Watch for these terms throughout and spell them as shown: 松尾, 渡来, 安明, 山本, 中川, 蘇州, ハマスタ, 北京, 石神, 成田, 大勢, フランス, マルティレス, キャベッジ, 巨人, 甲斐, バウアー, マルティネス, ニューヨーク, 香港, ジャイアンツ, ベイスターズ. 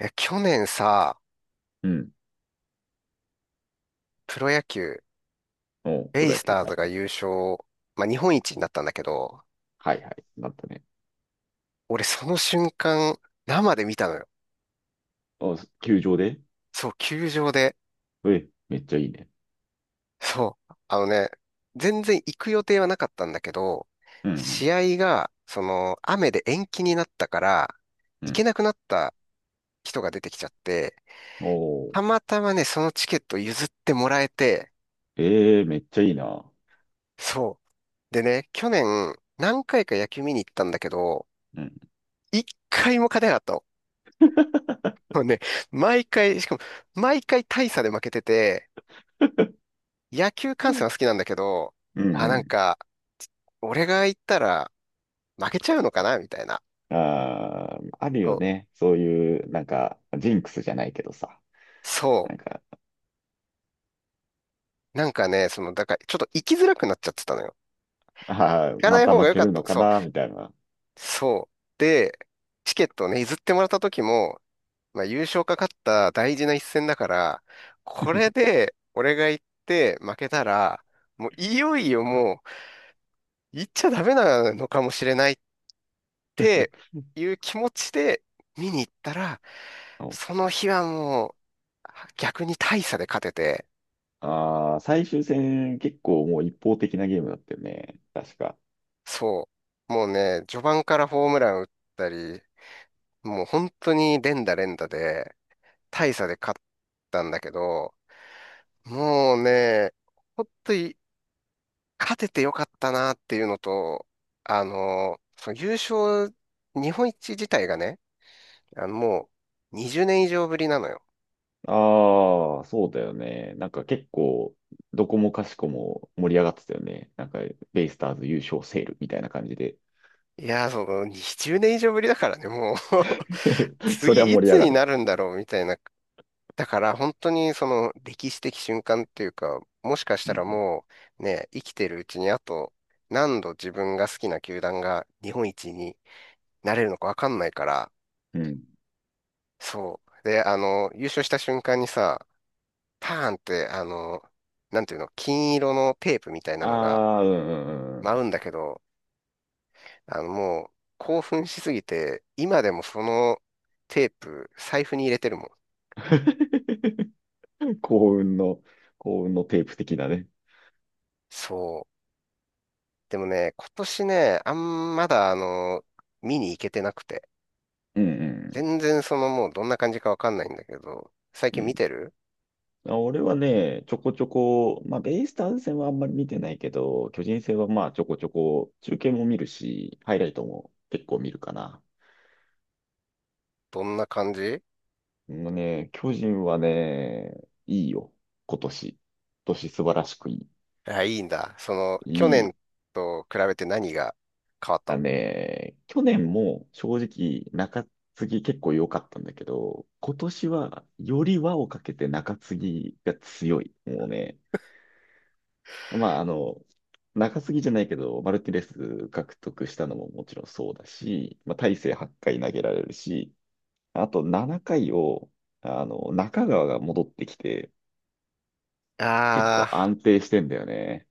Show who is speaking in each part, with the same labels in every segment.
Speaker 1: いや、去年さ、
Speaker 2: うん。
Speaker 1: プロ野球、
Speaker 2: おうプ
Speaker 1: ベイ
Speaker 2: ロ野
Speaker 1: ス
Speaker 2: 球。
Speaker 1: ター
Speaker 2: は
Speaker 1: ズ
Speaker 2: いは
Speaker 1: が
Speaker 2: い。
Speaker 1: 優勝、まあ、日本一になったんだけど、
Speaker 2: はいはい。なったね。
Speaker 1: 俺その瞬間、生で見たのよ。
Speaker 2: お球場で、
Speaker 1: そう、球場で。
Speaker 2: え、めっちゃいいね。
Speaker 1: そう、全然行く予定はなかったんだけど、
Speaker 2: うん
Speaker 1: 試合が、その、雨で延期になったから、
Speaker 2: うん。
Speaker 1: 行
Speaker 2: う
Speaker 1: け
Speaker 2: ん。
Speaker 1: なくなった人が出てきちゃって、
Speaker 2: おお、
Speaker 1: たまたまね、そのチケット譲ってもらえて、
Speaker 2: ええめっちゃいいな。
Speaker 1: そう。でね、去年、何回か野球見に行ったんだけど、
Speaker 2: うん。
Speaker 1: 一回も勝てなかった。もうね、毎回、しかも、毎回大差で負けてて、野球
Speaker 2: う
Speaker 1: 観戦
Speaker 2: ん
Speaker 1: は好きなんだけど、
Speaker 2: うん
Speaker 1: あ、
Speaker 2: う
Speaker 1: なん
Speaker 2: ん。
Speaker 1: か、俺が行ったら負けちゃうのかなみたいな。
Speaker 2: あーある
Speaker 1: そ
Speaker 2: よ
Speaker 1: う。
Speaker 2: ね。そういう、なんか、ジンクスじゃないけどさ。
Speaker 1: そ
Speaker 2: なんか、
Speaker 1: なんかね、その、だから、ちょっと行きづらくなっちゃってたのよ。
Speaker 2: あ
Speaker 1: 行
Speaker 2: ー
Speaker 1: か
Speaker 2: ま
Speaker 1: ない
Speaker 2: た
Speaker 1: 方が
Speaker 2: 負
Speaker 1: 良
Speaker 2: け
Speaker 1: かっ
Speaker 2: るの
Speaker 1: た。
Speaker 2: か
Speaker 1: そう。
Speaker 2: な、みたいな。
Speaker 1: そう。で、チケットをね、譲ってもらった時も、まあ、優勝かかった大事な一戦だから、これ で、俺が行って負けたら、もういよいよもう、行っちゃダメなのかもしれないっっていう気持ちで見に行ったら、
Speaker 2: お、
Speaker 1: その日はもう逆に大差で勝てて、
Speaker 2: あー最終戦、結構もう一方的なゲームだったよね。確か。
Speaker 1: そう。もうね、序盤からホームラン打ったり、もう本当に連打連打で大差で勝ったんだけど、もうね、本当に勝ててよかったなっていうのと、その優勝、日本一自体がね、もう20年以上ぶりなのよ。
Speaker 2: ああ、そうだよね。なんか結構、どこもかしこも盛り上がってたよね。なんか、ベイスターズ優勝セールみたいな感じで。
Speaker 1: いやー、その20年以上ぶりだからね、もう
Speaker 2: そりゃ
Speaker 1: 次い
Speaker 2: 盛り
Speaker 1: つ
Speaker 2: 上が
Speaker 1: に
Speaker 2: る。
Speaker 1: なるんだろうみたいな。だから本当にその歴史的瞬間っていうか、もしかし
Speaker 2: う
Speaker 1: たら
Speaker 2: ん。
Speaker 1: もうね、生きてるうちにあと何度自分が好きな球団が日本一になれるのかわかんないから、
Speaker 2: うん。
Speaker 1: そう。で、優勝した瞬間にさ、パーンって、なんていうの、金色のテープみたいな
Speaker 2: あ
Speaker 1: のが
Speaker 2: あ、うんうんうんう
Speaker 1: 舞うんだけど、もう興奮しすぎて、今でもそのテープ財布に入れてるもん。
Speaker 2: ん。幸運の、幸運のテープ的なね。
Speaker 1: そう。でもね、今年ね、まだ見に行けてなくて。
Speaker 2: うんうん
Speaker 1: 全然そのもうどんな感じかわかんないんだけど、最
Speaker 2: う
Speaker 1: 近見
Speaker 2: ん。
Speaker 1: てる
Speaker 2: あ、俺はね、ちょこちょこ、まあ、ベイスターズ戦はあんまり見てないけど、巨人戦はまあ、ちょこちょこ、中継も見るし、ハイライトも結構見るかな。
Speaker 1: どんな感じ。
Speaker 2: もうね、巨人はね、いいよ。今年。今年素晴らしくいい。
Speaker 1: あ、いいんだ。その、去
Speaker 2: い
Speaker 1: 年
Speaker 2: い。
Speaker 1: と比べて何が変わった
Speaker 2: あ、
Speaker 1: の？
Speaker 2: ね、去年も正直中継ぎ結構良かったんだけど、今年はより輪をかけて中継ぎが強い。もうね、まあ中継ぎじゃないけど、マルティレス獲得したのももちろんそうだし、まあ、大勢8回投げられるし、あと7回を、中川が戻ってきて、結構
Speaker 1: あ
Speaker 2: 安定してんだよね。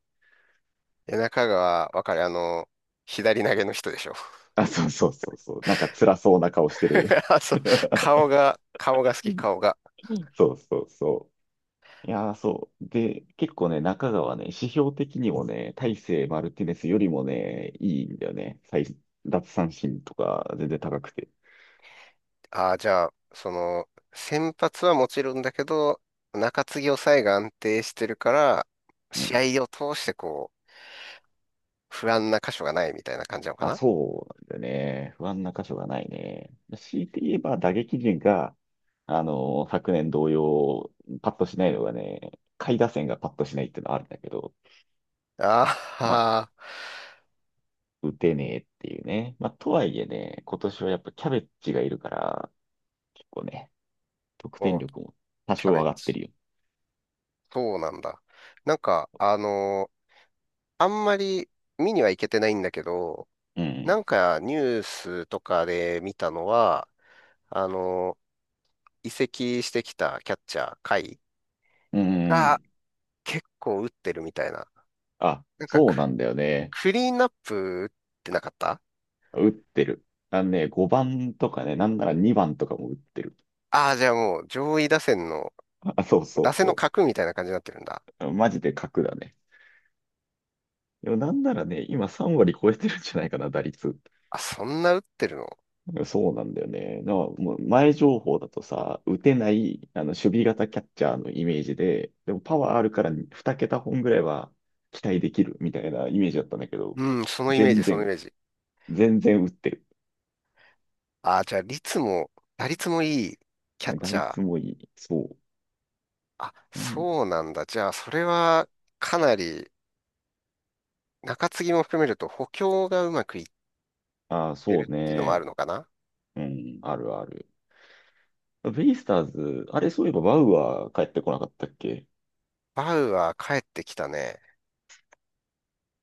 Speaker 1: ー、中川、わかる。左投げの人でしょ。
Speaker 2: あ、そうそうそうそう。なんか辛そうな顔してる。
Speaker 1: あ、そう、顔が好
Speaker 2: う
Speaker 1: き、
Speaker 2: ん、
Speaker 1: 顔が。
Speaker 2: そうそうそう。いやー、そう。で、結構ね、中川ね、指標的にもね、大勢マルティネスよりもね、いいんだよね。最奪三振とか全然高くて。
Speaker 1: あー、じゃあ、その、先発はもちろんだけど、中継ぎ抑えが安定してるから、
Speaker 2: うん。
Speaker 1: 試合を通してこう、不安な箇所がないみたいな感じなのか
Speaker 2: あ、
Speaker 1: な？
Speaker 2: そうなんだよね。不安な箇所がないね。強いて言えば打撃陣が、昨年同様、パッとしないのがね、下位打線がパッとしないっていうのはあるんだけど、
Speaker 1: あ
Speaker 2: まあ、
Speaker 1: あ、
Speaker 2: 打てねえっていうね。まあ、とはいえね、今年はやっぱキャベッジがいるから、結構ね、得点
Speaker 1: おう、
Speaker 2: 力も多
Speaker 1: キ
Speaker 2: 少
Speaker 1: ャベ
Speaker 2: 上がって
Speaker 1: ツ。
Speaker 2: るよ。
Speaker 1: そうなんだ。なんか、あんまり見には行けてないんだけど、
Speaker 2: う
Speaker 1: な
Speaker 2: ん。
Speaker 1: んかニュースとかで見たのは、あのー移籍してきたキャッチャー、甲斐
Speaker 2: う
Speaker 1: が
Speaker 2: ん。
Speaker 1: 結構打ってるみたいな。
Speaker 2: あ、
Speaker 1: なんか
Speaker 2: そうな
Speaker 1: ク、
Speaker 2: んだよね。
Speaker 1: クリーンナップ打ってなかった？
Speaker 2: 打ってる。あのね、5番とかね、なんなら2番とかも打ってる。
Speaker 1: ああー、じゃあもう上位打線の、
Speaker 2: あ、そうそう
Speaker 1: 打線の
Speaker 2: そ
Speaker 1: 核みたいな感じになってるんだ。
Speaker 2: う。マジで格だね。でもなんならね、今3割超えてるんじゃないかな、打率。
Speaker 1: あ、そんな打ってるの？
Speaker 2: そうなんだよね。だからもう前情報だとさ、打てない、守備型キャッチャーのイメージで、でもパワーあるから2桁本ぐらいは期待できるみたいなイメージだったんだけど、
Speaker 1: うん、
Speaker 2: 全
Speaker 1: そのイ
Speaker 2: 然、
Speaker 1: メージ。
Speaker 2: 全然打ってる。
Speaker 1: あ、じゃあ、打率もいいキャッ
Speaker 2: 打
Speaker 1: チャー。
Speaker 2: 率もいい。そ
Speaker 1: あ、
Speaker 2: う。うん、
Speaker 1: そうなんだ。じゃあ、それはかなり、中継ぎも含めると補強がうまくいっ
Speaker 2: ああ、
Speaker 1: て
Speaker 2: そう
Speaker 1: るっていうのもあ
Speaker 2: ね。
Speaker 1: るのかな？
Speaker 2: うん、あるある。ベイスターズ、あれそういえばバウアー帰ってこなかったっけ？
Speaker 1: バウアー帰ってきたね。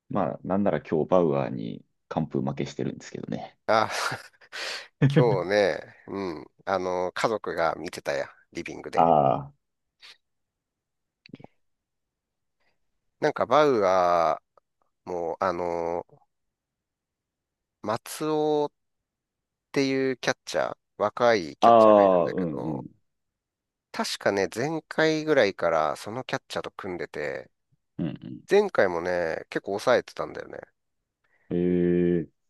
Speaker 2: まあ、なんなら今日バウアーに完封負けしてるんですけどね。
Speaker 1: あ、今日ね、うん、あの、家族が見てたや、リビングで。
Speaker 2: あ
Speaker 1: なんかバウアーも、松尾っていうキャッチャー、若い
Speaker 2: あ、
Speaker 1: キャッチャーがいる
Speaker 2: あ
Speaker 1: ん
Speaker 2: あ、
Speaker 1: だ
Speaker 2: う
Speaker 1: け
Speaker 2: んう
Speaker 1: ど、
Speaker 2: ん。
Speaker 1: 確かね、前回ぐらいからそのキャッチャーと組んでて、
Speaker 2: うんうん、
Speaker 1: 前回もね、結構抑えてたんだよね。
Speaker 2: ええ、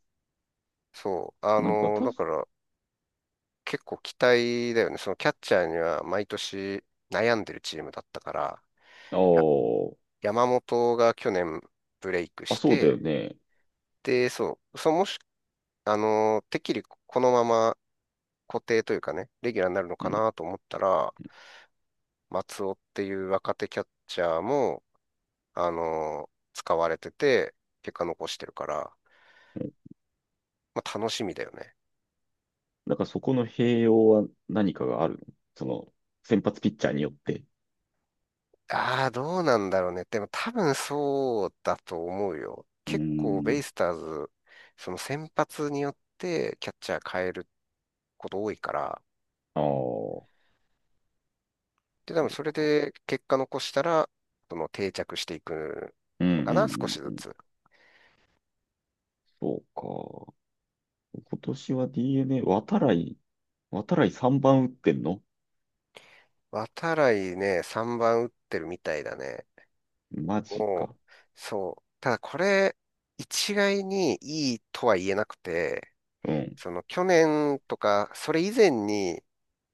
Speaker 1: そう。あ
Speaker 2: なんか
Speaker 1: のー
Speaker 2: た
Speaker 1: だか
Speaker 2: す、
Speaker 1: ら結構期待だよね。そのキャッチャーには毎年悩んでるチームだったから、
Speaker 2: あ
Speaker 1: や、
Speaker 2: ー、
Speaker 1: 山本が去年ブレイク
Speaker 2: あ、
Speaker 1: し
Speaker 2: そうだよ
Speaker 1: て、
Speaker 2: ね。
Speaker 1: で、そう、そうもし、てっきりこのまま固定というかね、レギュラーになるの
Speaker 2: う
Speaker 1: か
Speaker 2: ん。
Speaker 1: なと思ったら、松尾っていう若手キャッチャーも、あのー使われてて、結果残してるから、
Speaker 2: うん、
Speaker 1: まあ楽しみだよね。
Speaker 2: なんかそこの併用は何かがあるの？その、先発ピッチャーによって。
Speaker 1: ああ、どうなんだろうね。でも多分そうだと思うよ。
Speaker 2: うー
Speaker 1: 結構ベイ
Speaker 2: ん。
Speaker 1: スターズ、その先発によってキャッチャー変えること多いから、
Speaker 2: ああ、そ
Speaker 1: で、多分それ
Speaker 2: う。
Speaker 1: で結果残したら、その定着していく
Speaker 2: うん
Speaker 1: の
Speaker 2: う
Speaker 1: かな、少
Speaker 2: ん
Speaker 1: し
Speaker 2: う
Speaker 1: ず
Speaker 2: んうん。
Speaker 1: つ。
Speaker 2: そうか。今年は DNA、渡来、渡来3番打ってんの？
Speaker 1: 渡来ね、3番打ってるみたいだね。
Speaker 2: マジ
Speaker 1: もう、
Speaker 2: か。
Speaker 1: そう。ただこれ、一概にいいとは言えなくて、
Speaker 2: うん。
Speaker 1: その去年とか、それ以前に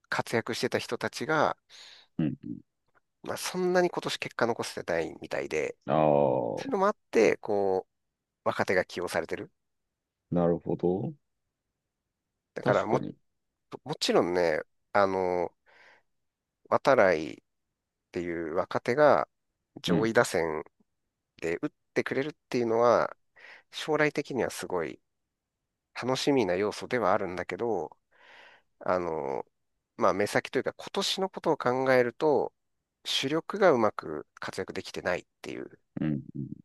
Speaker 1: 活躍してた人たちが、
Speaker 2: うん。
Speaker 1: まあ、そんなに今年結果残せてないみたいで、
Speaker 2: あ
Speaker 1: そういう
Speaker 2: あ、
Speaker 1: のもあって、こう、若手が起用されてる。
Speaker 2: なるほど。
Speaker 1: だから
Speaker 2: 確
Speaker 1: も
Speaker 2: か
Speaker 1: っ
Speaker 2: に。
Speaker 1: と、もちろんね、あの、渡来っていう若手が
Speaker 2: う
Speaker 1: 上
Speaker 2: ん。
Speaker 1: 位打線で打ってくれるっていうのは、将来的にはすごい楽しみな要素ではあるんだけど、あの、まあ、目先というか今年のことを考えると、主力がうまく活躍できてないっていう。
Speaker 2: うん。うん、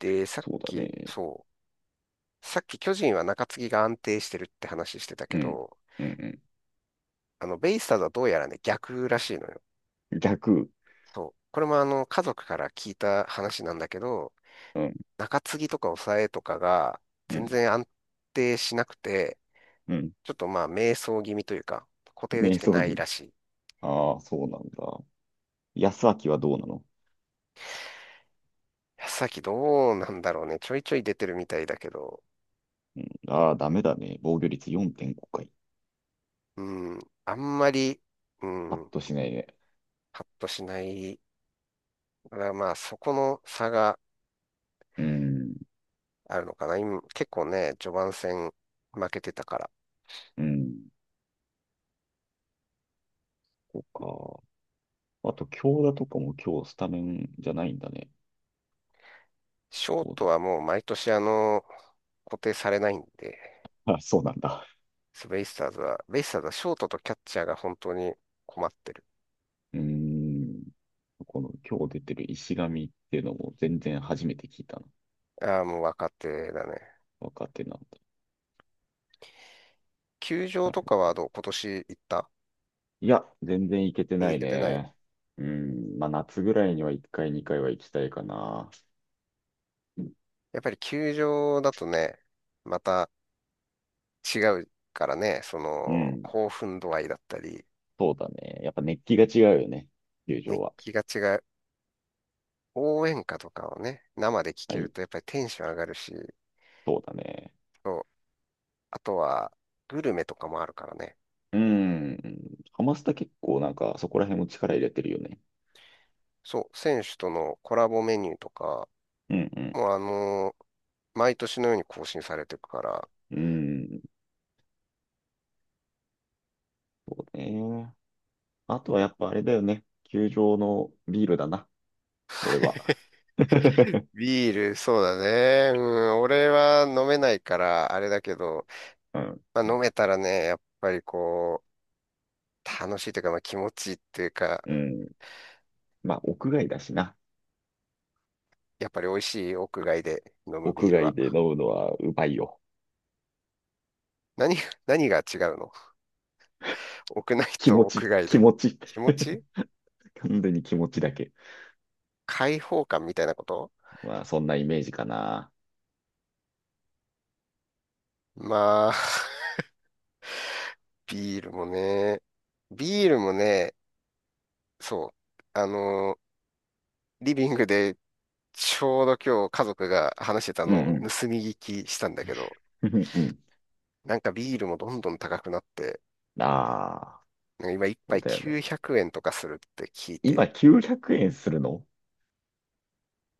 Speaker 1: で、
Speaker 2: そうだね。
Speaker 1: さっき巨人は中継ぎが安定してるって話してたけ
Speaker 2: うん。
Speaker 1: ど、
Speaker 2: うん
Speaker 1: あの、ベイスターズはどうやらね、逆らしいのよ。
Speaker 2: うん。逆。
Speaker 1: そう。これもあの、家族から聞いた話なんだけど、
Speaker 2: うん。
Speaker 1: 中継ぎとか抑えとかが
Speaker 2: う
Speaker 1: 全
Speaker 2: ん。
Speaker 1: 然安定しなくて、
Speaker 2: うん。
Speaker 1: ちょっとまあ、迷走気味というか、固定で
Speaker 2: 瞑
Speaker 1: きて
Speaker 2: 想
Speaker 1: な
Speaker 2: 気
Speaker 1: い
Speaker 2: 味。
Speaker 1: らしい。
Speaker 2: ああ、そうなんだ。安明はどうなの？
Speaker 1: さっきどうなんだろうね。ちょいちょい出てるみたいだけど、
Speaker 2: ああダメだね。防御率4.5回。
Speaker 1: うん、あんまり、う
Speaker 2: パッ
Speaker 1: ん、
Speaker 2: としないね。
Speaker 1: ハッとしない。だからまあ、そこの差が
Speaker 2: うん、
Speaker 1: あるのかな。今、結構ね、序盤戦負けてたから。
Speaker 2: うん。そうか。あと、強打とかも今日スタメンじゃないんだね。
Speaker 1: ショー
Speaker 2: そう
Speaker 1: ト
Speaker 2: だ。
Speaker 1: はもう毎年あの、固定されないんで、
Speaker 2: あ、そうなんだ。
Speaker 1: ベイスターズはショートとキャッチャーが本当に困ってる。
Speaker 2: うーん。この今日出てる石神っていうのも全然初めて聞いたな。
Speaker 1: ああ、もう若手だね。
Speaker 2: 若手なんだ。
Speaker 1: 球場
Speaker 2: なる
Speaker 1: と
Speaker 2: ほ
Speaker 1: かは
Speaker 2: ど。
Speaker 1: どう今年行った？
Speaker 2: いや、全然いけて
Speaker 1: 見
Speaker 2: な
Speaker 1: に行
Speaker 2: い
Speaker 1: けてない。
Speaker 2: ね。うん。まあ、夏ぐらいには1回、2回は行きたいかな。
Speaker 1: やっぱり球場だとね、また違うからね、そ
Speaker 2: う
Speaker 1: の、
Speaker 2: ん。
Speaker 1: 興奮度合いだったり、
Speaker 2: そうだね。やっぱ熱気が違うよね。球場
Speaker 1: 熱
Speaker 2: は。
Speaker 1: 気が違う。応援歌とかをね、生で聞
Speaker 2: は
Speaker 1: ける
Speaker 2: い。
Speaker 1: とやっぱりテンション上がるし、
Speaker 2: そうだね。
Speaker 1: そうあとは、グルメとかもあるからね。
Speaker 2: うん。ハマスタ結構なんかそこら辺も力入れてるよね。
Speaker 1: そう、選手とのコラボメニューとか、
Speaker 2: うん
Speaker 1: もう毎年のように更新されていくから、
Speaker 2: うん。うん。そうね。あとはやっぱあれだよね。球場のビールだな。俺は。
Speaker 1: ビール、そうだね。うん、俺は飲めないから、あれだけど、
Speaker 2: うん。
Speaker 1: まあ、飲めたらね、やっぱりこう、楽しいというか、まあ、気持ちいいっていうか、
Speaker 2: うん。まあ、屋外だしな。
Speaker 1: やっぱり美味しい屋外で飲むビ
Speaker 2: 屋
Speaker 1: ール
Speaker 2: 外
Speaker 1: は。
Speaker 2: で飲むのはうまいよ。
Speaker 1: 何、何が違うの？ 屋内
Speaker 2: 気
Speaker 1: と
Speaker 2: 持
Speaker 1: 屋
Speaker 2: ち、
Speaker 1: 外
Speaker 2: 気
Speaker 1: で。
Speaker 2: 持ち。
Speaker 1: 気持ち
Speaker 2: 完全に気持ちだけ。
Speaker 1: 解放感みたいなこと？
Speaker 2: まあ、そんなイメージかな。
Speaker 1: まあ、ビールもね、ビールもね、そう、あのー、リビングでちょうど今日家族が話してた
Speaker 2: うん
Speaker 1: のを
Speaker 2: うん。
Speaker 1: 盗み聞きしたんだけど、
Speaker 2: うんうん。
Speaker 1: なんかビールもどんどん高くなって、
Speaker 2: ああ、
Speaker 1: なんか今一
Speaker 2: そう
Speaker 1: 杯
Speaker 2: だよね。
Speaker 1: 900円とかするって聞い
Speaker 2: 今
Speaker 1: て、
Speaker 2: 900円するの？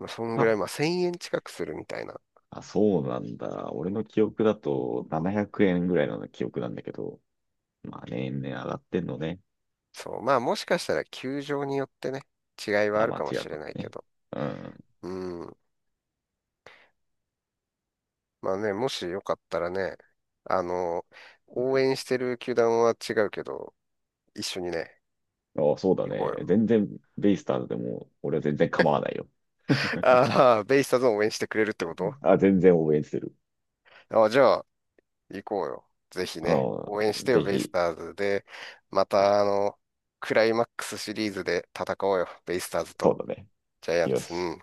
Speaker 1: まあ、そんぐら
Speaker 2: あ、
Speaker 1: い、まあ1000円近くするみたいな。
Speaker 2: あ、そうなんだ。俺の記憶だと700円ぐらいの記憶なんだけど。まあ年々上がってんのね。
Speaker 1: そう、まあもしかしたら球場によってね、違いはあ
Speaker 2: あ、
Speaker 1: る
Speaker 2: まあ
Speaker 1: かも
Speaker 2: 違う
Speaker 1: し
Speaker 2: か
Speaker 1: れ
Speaker 2: も
Speaker 1: ないけ
Speaker 2: ね。
Speaker 1: ど、
Speaker 2: うん。
Speaker 1: うん。まあね、もしよかったらね、あのー、応援してる球団は違うけど、一緒にね、
Speaker 2: あ、そうだ
Speaker 1: 行こう
Speaker 2: ね。
Speaker 1: よ。
Speaker 2: 全然ベイスターズでも俺は全然構わないよ。
Speaker 1: ああ、ベイスターズを応援してくれるってこと？
Speaker 2: あ、全然応援してる。
Speaker 1: あじゃあ、行こうよ。ぜひね。応援し
Speaker 2: うん。
Speaker 1: てよ、
Speaker 2: ぜ
Speaker 1: ベイス
Speaker 2: ひ、
Speaker 1: ターズで。また、あの、クライマックスシリーズで戦おうよ。ベイスターズ
Speaker 2: そ
Speaker 1: と
Speaker 2: うだね。
Speaker 1: ジャイアン
Speaker 2: よ
Speaker 1: ツ。う
Speaker 2: し。
Speaker 1: ん。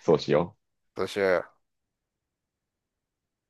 Speaker 2: そうしよう。
Speaker 1: どうしようよ。